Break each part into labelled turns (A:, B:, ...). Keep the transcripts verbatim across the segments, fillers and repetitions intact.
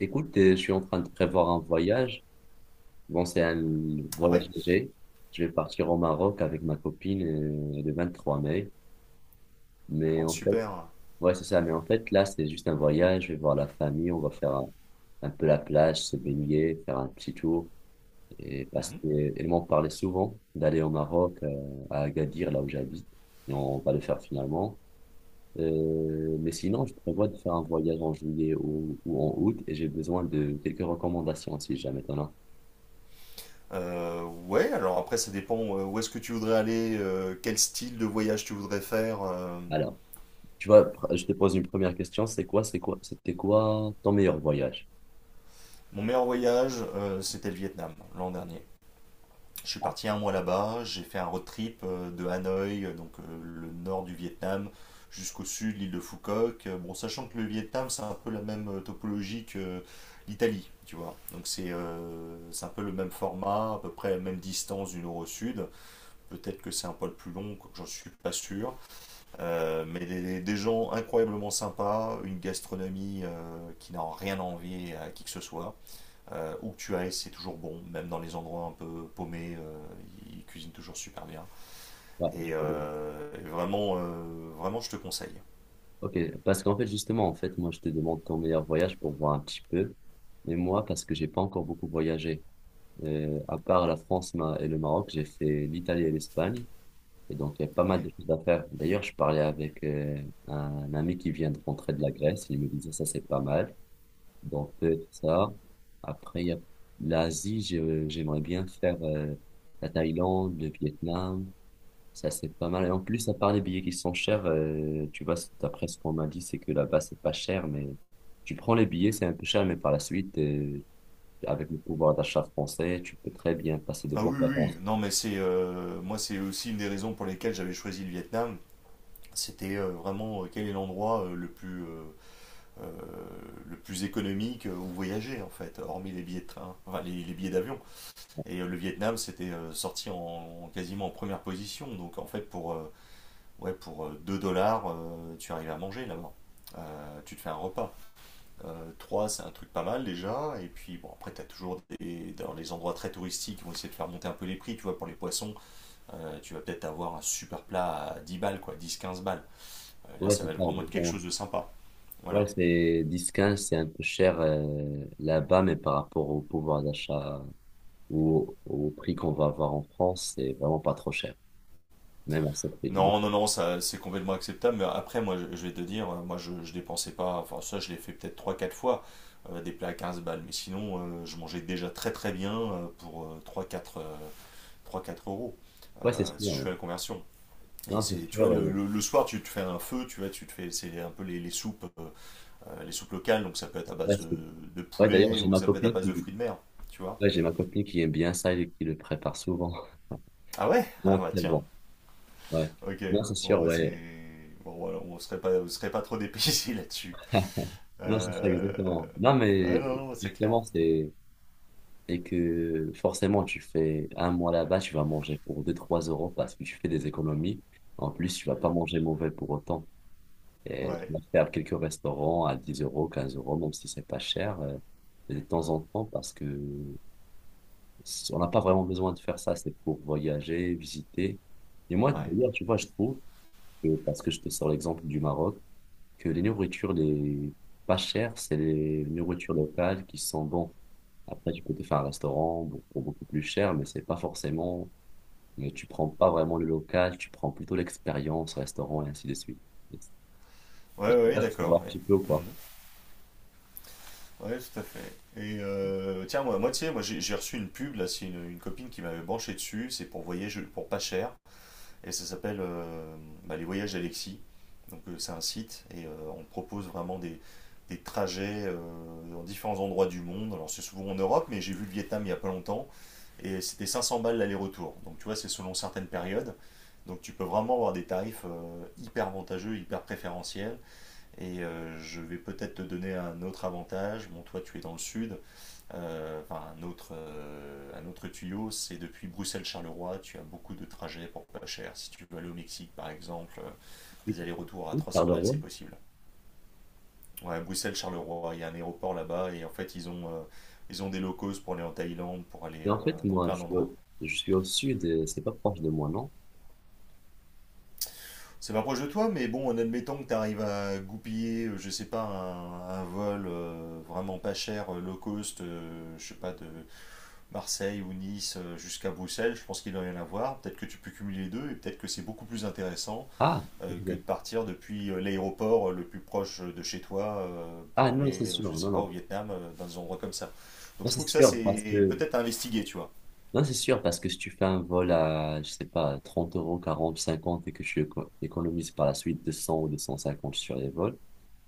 A: Écoute, euh, je suis en train de prévoir un voyage. Bon, c'est un
B: Ah
A: voyage
B: ouais.
A: léger. Je vais partir au Maroc avec ma copine euh, le vingt-trois mai. Mais
B: Oh,
A: en fait,
B: super.
A: ouais, c'est ça. Mais en fait, là, c'est juste un voyage. Je vais voir la famille. On va faire un, un peu la plage, se baigner, faire un petit tour. Et parce
B: Mhm.
A: qu'elle m'en parlait souvent d'aller au Maroc, euh, à Agadir, là où j'habite. Et on va le faire finalement. Euh, mais sinon, je prévois de faire un voyage en juillet ou, ou en août. Et j'ai besoin de quelques recommandations si jamais t'en as.
B: Euh, ouais, alors après, ça dépend euh, où est-ce que tu voudrais aller, euh, quel style de voyage tu voudrais faire. euh.
A: Alors, tu vois, pr- je te pose une première question. C'est quoi, c'est quoi, c'était quoi ton meilleur voyage?
B: Mon meilleur voyage, euh, c'était le Vietnam, l'an dernier. Je suis parti un mois là-bas, j'ai fait un road trip euh, de Hanoï, euh, donc euh, le nord du Vietnam, jusqu'au sud, l'île de Phu Quoc. Euh, Bon, sachant que le Vietnam, c'est un peu la même euh, topologie que euh, l'Italie, tu vois. Donc c'est euh, c'est un peu le même format, à peu près la même distance du nord au sud. Peut-être que c'est un poil plus long, j'en suis pas sûr. Euh, mais des, des gens incroyablement sympas, une gastronomie euh, qui n'a rien à envier à qui que ce soit. Euh, où que tu ailles, c'est toujours bon, même dans les endroits un peu paumés, euh, ils cuisinent toujours super bien.
A: Ouais,
B: Et,
A: je vois bien.
B: euh, et vraiment, euh, vraiment, je te conseille.
A: Ok, parce qu'en fait, justement, en fait, moi, je te demande ton meilleur voyage pour voir un petit peu. Mais moi, parce que j'ai pas encore beaucoup voyagé. Euh, à part la France ma- et le Maroc, j'ai fait l'Italie et l'Espagne. Et donc, il y a pas mal
B: Ouais.
A: de choses à faire. D'ailleurs, je parlais avec euh, un ami qui vient de rentrer de la Grèce. Il me disait, ça, c'est pas mal. Donc, peut-être ça. Après, il y a l'Asie, je- j'aimerais bien faire euh, la Thaïlande, le Vietnam. Ça, c'est pas mal. Et en plus, à part les billets qui sont chers, euh, tu vois, c'est- d'après ce qu'on m'a dit, c'est que là-bas, c'est pas cher, mais tu prends les billets, c'est un peu cher, mais par la suite, euh, avec le pouvoir d'achat français, tu peux très bien passer de
B: Ah
A: bonnes
B: oui, oui, oui.
A: vacances.
B: Non, mais c'est euh, moi, c'est aussi une des raisons pour lesquelles j'avais choisi le Vietnam. C'était euh, vraiment euh, quel est l'endroit euh, le plus euh, euh, le plus économique où voyager en fait, hormis les billets de train, enfin les, les billets d'avion. Et euh, le Vietnam c'était euh, sorti en, en- quasiment en première position, donc en fait pour, euh, ouais, pour euh, deux dollars euh, tu arrives à manger là-bas. Euh, tu te fais un repas. Euh, trois c'est un truc pas mal déjà, et puis bon après tu as toujours des, dans les endroits très touristiques ils vont essayer de faire monter un peu les prix, tu vois pour les poissons, euh, tu vas peut-être avoir un super plat à dix balles quoi, dix quinze balles. Euh, là
A: Ouais,
B: ça
A: c'est
B: va
A: ça,
B: vraiment être quelque
A: exactement.
B: chose de sympa.
A: Ouais,
B: Voilà.
A: c'est dix quinze, c'est un peu cher euh, là-bas, mais par rapport au pouvoir d'achat ou au prix qu'on va avoir en France, c'est vraiment pas trop cher, même à ce prix, non?
B: Non, non, non, ça c'est complètement acceptable. Mais après, moi, je, je vais te dire, euh, moi, je, je dépensais pas. Enfin, ça, je l'ai fait peut-être trois, quatre fois, euh, des plats à quinze balles. Mais sinon, euh, je mangeais déjà très très bien euh, pour euh, trois, quatre euh, trois quatre euros,
A: Ouais, c'est
B: euh,
A: sûr,
B: si je
A: ouais.
B: fais la conversion. Et
A: Non, c'est
B: c'est, tu vois,
A: sûr.
B: le,
A: euh,
B: le- le soir, tu te fais un feu, tu vois, tu te fais, c'est un peu les, les soupes, euh, les soupes locales. Donc, ça peut être à
A: Ouais,
B: base de,
A: c'est-
B: de
A: ouais, d'ailleurs,
B: poulet
A: j'ai
B: ou
A: ma
B: ça peut être à
A: copine
B: base de
A: qui,
B: fruits de mer, tu vois.
A: ouais, j'ai ma copine qui aime bien ça et qui le prépare souvent.
B: Ah ouais? Ah
A: Non,
B: bah
A: c'est
B: tiens,
A: bon. Ouais.
B: ok.
A: Non, c'est sûr,
B: Bon, c'est.
A: ouais.
B: Bon, voilà, on serait pas, on serait pas trop dépaysé là-dessus.
A: Non, c'est ça,
B: Euh...
A: exactement. Non,
B: Ouais,
A: mais
B: non, non, c'est clair.
A: justement, c'est et que forcément, tu fais un mois là-bas, tu vas manger pour deux trois euros parce que tu fais des économies. En plus, tu vas pas manger mauvais pour autant. Et je
B: Ouais,
A: vais faire quelques restaurants à dix euros, quinze euros, même si c'est pas cher, euh, de temps en temps, parce que on n'a pas vraiment besoin de faire ça. C'est pour voyager, visiter. Et moi,
B: ouais.
A: d'ailleurs, tu vois, je trouve que, parce que je te sors l'exemple du Maroc, que les nourritures les pas chères, c'est les nourritures locales qui sont bonnes. Après, tu peux te faire un restaurant pour pour beaucoup plus cher, mais c'est pas forcément, mais tu prends pas vraiment le local, tu prends plutôt l'expérience, restaurant et ainsi de suite.
B: Ouais,
A: Je sais
B: ouais,
A: pas si tu vois un
B: d'accord, ouais.
A: petit peu ou pas.
B: Mhm. Ouais, tout à fait. Et euh, tiens, moi, moi, tu sais, moi, j'ai j'ai reçu une pub, là, c'est une, une copine qui m'avait branché dessus, c'est pour voyage, pour pas cher, et ça s'appelle euh, bah, Les Voyages d'Alexis. Donc, euh, c'est un site, et euh, on propose vraiment des, des trajets euh, dans différents endroits du monde. Alors, c'est souvent en Europe, mais j'ai vu le Vietnam il y a pas longtemps, et c'était cinq cents balles l'aller-retour. Donc, tu vois, c'est selon certaines périodes. Donc tu peux vraiment avoir des tarifs euh, hyper avantageux, hyper préférentiels. Et euh, je vais peut-être te donner un autre avantage. Bon, toi tu es dans le sud. Euh, enfin, un autre, euh, un autre tuyau, c'est depuis Bruxelles-Charleroi, tu as beaucoup de trajets pour pas cher. Si tu veux aller au Mexique par exemple, euh, des allers-retours à
A: Oui,
B: trois cents balles,
A: Charleroi.
B: c'est possible. Ouais, Bruxelles-Charleroi, il y a un aéroport là-bas et en fait ils ont, euh, ils ont des locaux pour aller en Thaïlande, pour aller
A: Mais
B: euh,
A: en fait,
B: dans
A: moi,
B: plein
A: je suis
B: d'endroits.
A: au, je suis au sud, et c'est pas proche de moi, non?
B: C'est pas proche de toi, mais bon, en admettant que tu arrives à goupiller, euh, je sais pas, un, un vol euh, vraiment pas cher, euh, low cost, euh, je sais pas, de Marseille ou Nice euh, jusqu'à Bruxelles, je pense qu'il doit y en avoir. Peut-être que tu peux cumuler les deux et peut-être que c'est beaucoup plus intéressant
A: Ah,
B: euh, que de
A: ok.
B: partir depuis euh, l'aéroport euh, le plus proche de chez toi euh,
A: Ah,
B: pour
A: non,
B: aller,
A: c'est
B: euh,
A: sûr,
B: je sais
A: non,
B: pas, au
A: non.
B: Vietnam, euh, dans des endroits comme ça. Donc
A: Non,
B: je
A: c'est
B: trouve que ça,
A: sûr, parce
B: c'est
A: que,
B: peut-être à investiguer, tu vois.
A: non, c'est sûr, parce que si tu fais un vol à, je sais pas, trente euros, quarante cinquante et que tu éco- économises par la suite deux cents ou deux cent cinquante sur les vols,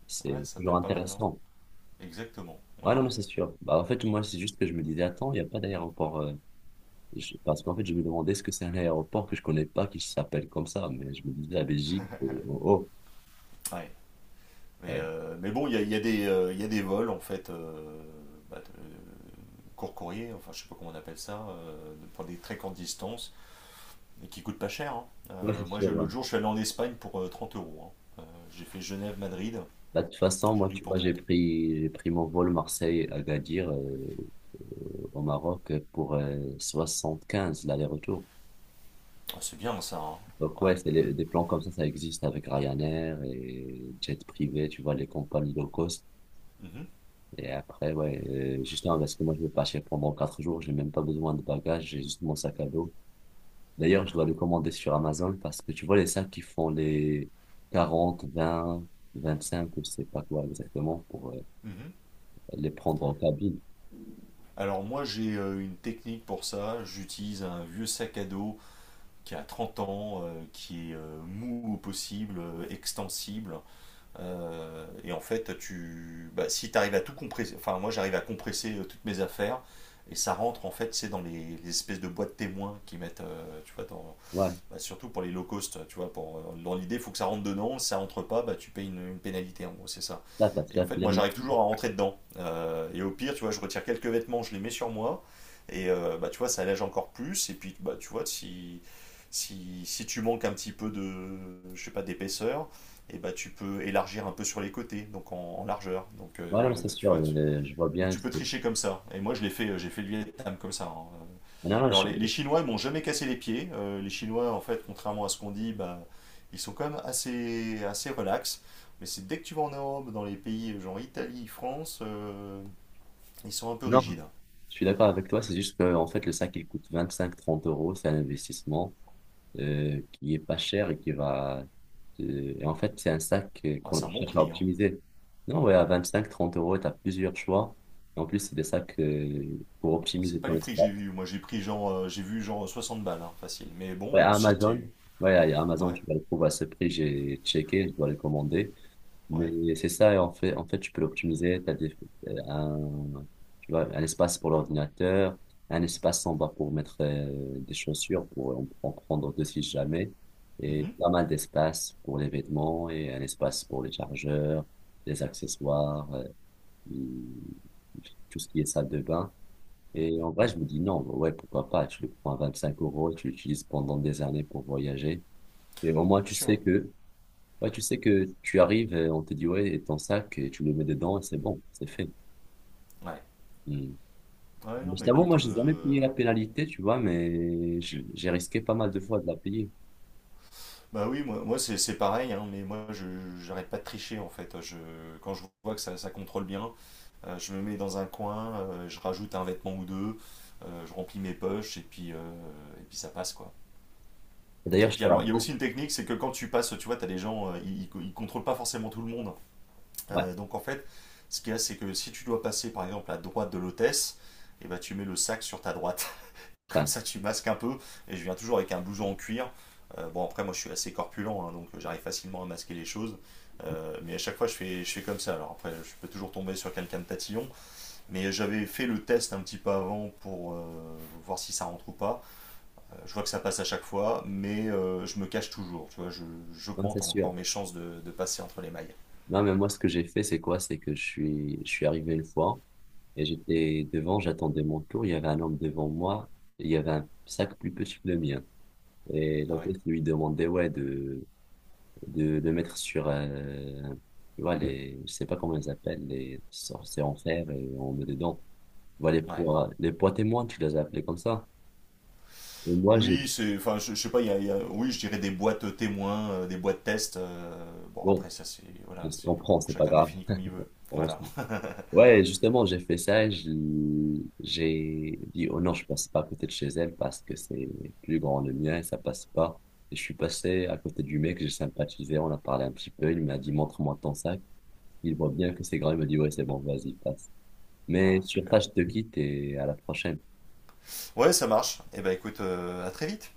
A: c'est
B: Ouais, ça peut
A: toujours
B: être pas mal, hein.
A: intéressant.
B: Exactement. Ouais,
A: Ouais, non, non,
B: ouais.
A: c'est sûr. Bah, en fait, moi, c'est juste que je me disais, attends, il n'y a pas d'aéroport, euh, je- parce qu'en fait, je me demandais, est-ce que c'est un aéroport que je connais pas, qui s'appelle comme ça, mais je me disais, la Belgique, euh, oh, oh.
B: Ouais. Mais,
A: Ouais.
B: euh, mais bon, il y a, il y a des, euh, il y a des vols, en fait, euh, bah, de- court courrier, enfin, je sais pas comment on appelle ça, euh, pour des très courtes distances, et qui coûtent pas cher. Hein.
A: Ouais,
B: Euh,
A: c'est
B: moi, je-
A: sûr, ouais.
B: l'autre jour, je suis allé en Espagne pour euh, trente euros. Hein. Euh, j'ai fait Genève-Madrid,
A: Bah, de toute façon,
B: j'en
A: moi,
B: ai eu
A: tu
B: pour
A: vois, j'ai
B: trente.
A: pris, j'ai pris mon vol Marseille-Agadir euh, au Maroc pour euh, quinze l'aller-retour.
B: Ah, c'est bien, ça, hein.
A: Donc,
B: Ouais.
A: ouais, c'est les- des plans comme ça, ça existe avec Ryanair et jet privé, tu vois, les compagnies low cost.
B: Mhm,
A: Et après, ouais, euh, justement, parce que moi, je vais partir pendant quatre jours, j'ai même pas besoin de bagages, j'ai juste mon sac à dos. D'ailleurs, je dois le commander sur Amazon parce que tu vois, les sacs qui font les quarante vingt 20, vingt-cinq, je sais pas quoi exactement, pour euh,
B: mhm.
A: les prendre en cabine.
B: Alors, moi, j'ai euh, une technique pour ça. J'utilise un vieux sac à dos qui a trente ans, euh, qui est euh, mou au possible, euh, extensible. Euh, et en fait, tu, bah, si tu arrives à tout compresser, enfin moi j'arrive à compresser euh, toutes mes affaires, et ça rentre en fait, c'est dans les, les espèces de boîtes témoins qui mettent, euh, tu vois, dans,
A: Ouais,
B: bah, surtout pour les low cost, tu vois, pour, euh, dans l'idée, il faut que ça rentre dedans, si ça rentre pas, bah, tu payes une, une pénalité, en gros, c'est ça.
A: là, parce que
B: Et en
A: là, tu
B: fait,
A: l'as
B: moi,
A: dit.
B: j'arrive toujours à rentrer dedans. Euh, et au pire, tu vois, je retire quelques vêtements, je les mets sur moi, et euh, bah, tu vois, ça allège encore plus, et puis, bah, tu vois, si, si, si tu manques un petit peu de, je sais pas, d'épaisseur, et bah, tu peux élargir un peu sur les côtés, donc en, en largeur. Donc,
A: Voilà, mais
B: euh,
A: c'est
B: tu
A: sûr,
B: vois, tu,
A: euh, je vois
B: donc
A: bien.
B: tu
A: ce
B: peux
A: que-
B: tricher comme ça. Et moi, je l'ai fait, euh, j'ai fait le Vietnam comme ça. Hein.
A: Non, non,
B: Alors
A: je...
B: les, les Chinois ils m'ont jamais cassé les pieds. Euh, les Chinois en fait, contrairement à ce qu'on dit, bah, ils sont quand même assez, assez relax. Mais c'est dès que tu vas en Europe, dans les pays genre Italie, France, euh, ils sont un peu
A: non,
B: rigides. Hein.
A: je suis d'accord avec toi. C'est juste que, en fait, le sac, il coûte vingt-cinq-trente euros. C'est un investissement euh, qui est pas cher et qui va. euh, Et en fait, c'est un sac euh,
B: Ah,
A: qu'on
B: c'est un bon
A: cherche à
B: prix, hein.
A: optimiser. Non, ouais, à vingt-cinq-trente euros, tu as plusieurs choix. En plus, c'est des sacs euh, pour
B: Bon, c'est
A: optimiser
B: pas
A: ton
B: les prix que j'ai
A: espace.
B: vus. Moi j'ai pris genre, euh, j'ai vu genre soixante balles, hein, facile. Mais
A: Ouais,
B: bon, euh,
A: à
B: si
A: Amazon,
B: tu...
A: ouais, à Amazon,
B: Ouais,
A: tu vas le trouver à ce prix. J'ai checké, je dois le commander.
B: ouais.
A: Mais c'est ça, et en fait, en fait, tu peux l'optimiser. T'as des, euh, un, tu vois, un espace pour l'ordinateur, un espace en bas pour mettre euh, des chaussures, pour en, en prendre deux si jamais, et
B: Mhm,
A: pas mal d'espace pour les vêtements, et un espace pour les chargeurs, les accessoires, euh, et tout ce qui est salle de bain. Et
B: mhm,
A: en vrai, je me dis non, ouais, pourquoi pas, tu le prends à vingt-cinq euros, tu l'utilises pendant des années pour voyager. Et au moins,
B: bien
A: tu
B: sûr.
A: sais que ouais, tu sais que tu arrives, et on te dit, ouais, et ton sac, et tu le mets dedans, et c'est bon, c'est fait.
B: Ouais.
A: Hmm.
B: Ouais, non
A: Mais je
B: mais
A: t'avoue,
B: écoute...
A: moi, j'ai jamais
B: euh,
A: payé la pénalité, tu vois, mais je- j'ai risqué pas mal de fois de la payer.
B: Bah oui, moi, moi c'est c'est pareil, hein, mais moi je j'arrête pas de tricher en fait. Je, quand je vois que ça, ça contrôle bien, Euh, je me mets dans un coin, euh, je rajoute un vêtement ou deux, euh, je remplis mes poches et puis, euh, et puis ça passe quoi.
A: D'ailleurs,
B: Et
A: je
B: puis
A: te
B: alors il y a aussi
A: raconte.
B: une technique, c'est que quand tu passes, tu vois, tu as des gens, euh, ils, ne contrôlent pas forcément tout le monde.
A: Ouais,
B: Euh, donc en fait, ce qu'il y a, c'est que si tu dois passer par exemple à droite de l'hôtesse, et ben, tu mets le sac sur ta droite. Comme
A: enfin,
B: ça tu masques un peu et je viens toujours avec un blouson en cuir. Euh, bon après moi je suis assez corpulent, hein, donc j'arrive facilement à masquer les choses. Euh, mais à chaque fois je fais, je fais comme ça. Alors après je peux toujours tomber sur quelqu'un de tatillon. Mais j'avais fait le test un petit peu avant pour euh, voir si ça rentre ou pas. Euh, je vois que ça passe à chaque fois, mais euh, je me cache toujours. Tu vois, je-
A: ouais,
B: j'augmente
A: c'est sûr.
B: encore mes chances de, de passer entre les mailles.
A: Non, mais moi, ce que j'ai fait, c'est quoi? C'est que je suis, je suis arrivé une fois, et j'étais devant, j'attendais mon tour, il y avait un homme devant moi, et il y avait un sac plus petit que le mien. Et
B: Ah ouais.
A: l'hôtesse lui demandait, ouais, de, de le mettre sur, euh, tu vois, les, je sais pas comment ils appellent, les sorts, c'est en fer et on met dedans. Voilà, les
B: Ouais.
A: poids, les poids témoins, tu les as appelés comme ça. Et moi, j'ai,
B: Oui, c'est, enfin, je, je sais pas, il y a, il y a- oui, je dirais des boîtes témoins, euh, des boîtes tests. euh, Bon,
A: bon,
B: après, ça, c'est, voilà,
A: on se
B: c'est,
A: comprend,
B: bon,
A: c'est pas
B: chacun
A: grave.
B: définit comme il veut.
A: On se-
B: Voilà.
A: Ouais, justement, j'ai fait ça, et je- j'ai dit, oh non, je passe pas à côté de chez elle parce que c'est plus grand le mien, ça passe pas. Et je suis passé à côté du mec, j'ai sympathisé, on a parlé un petit peu, il m'a dit, montre-moi ton sac. Il voit bien que c'est grand, il me dit, ouais, c'est bon, vas-y, passe.
B: Ah,
A: Mais sur
B: super.
A: ça, je te quitte et à la prochaine.
B: Ouais, ça marche. Eh ben, écoute, euh, à très vite.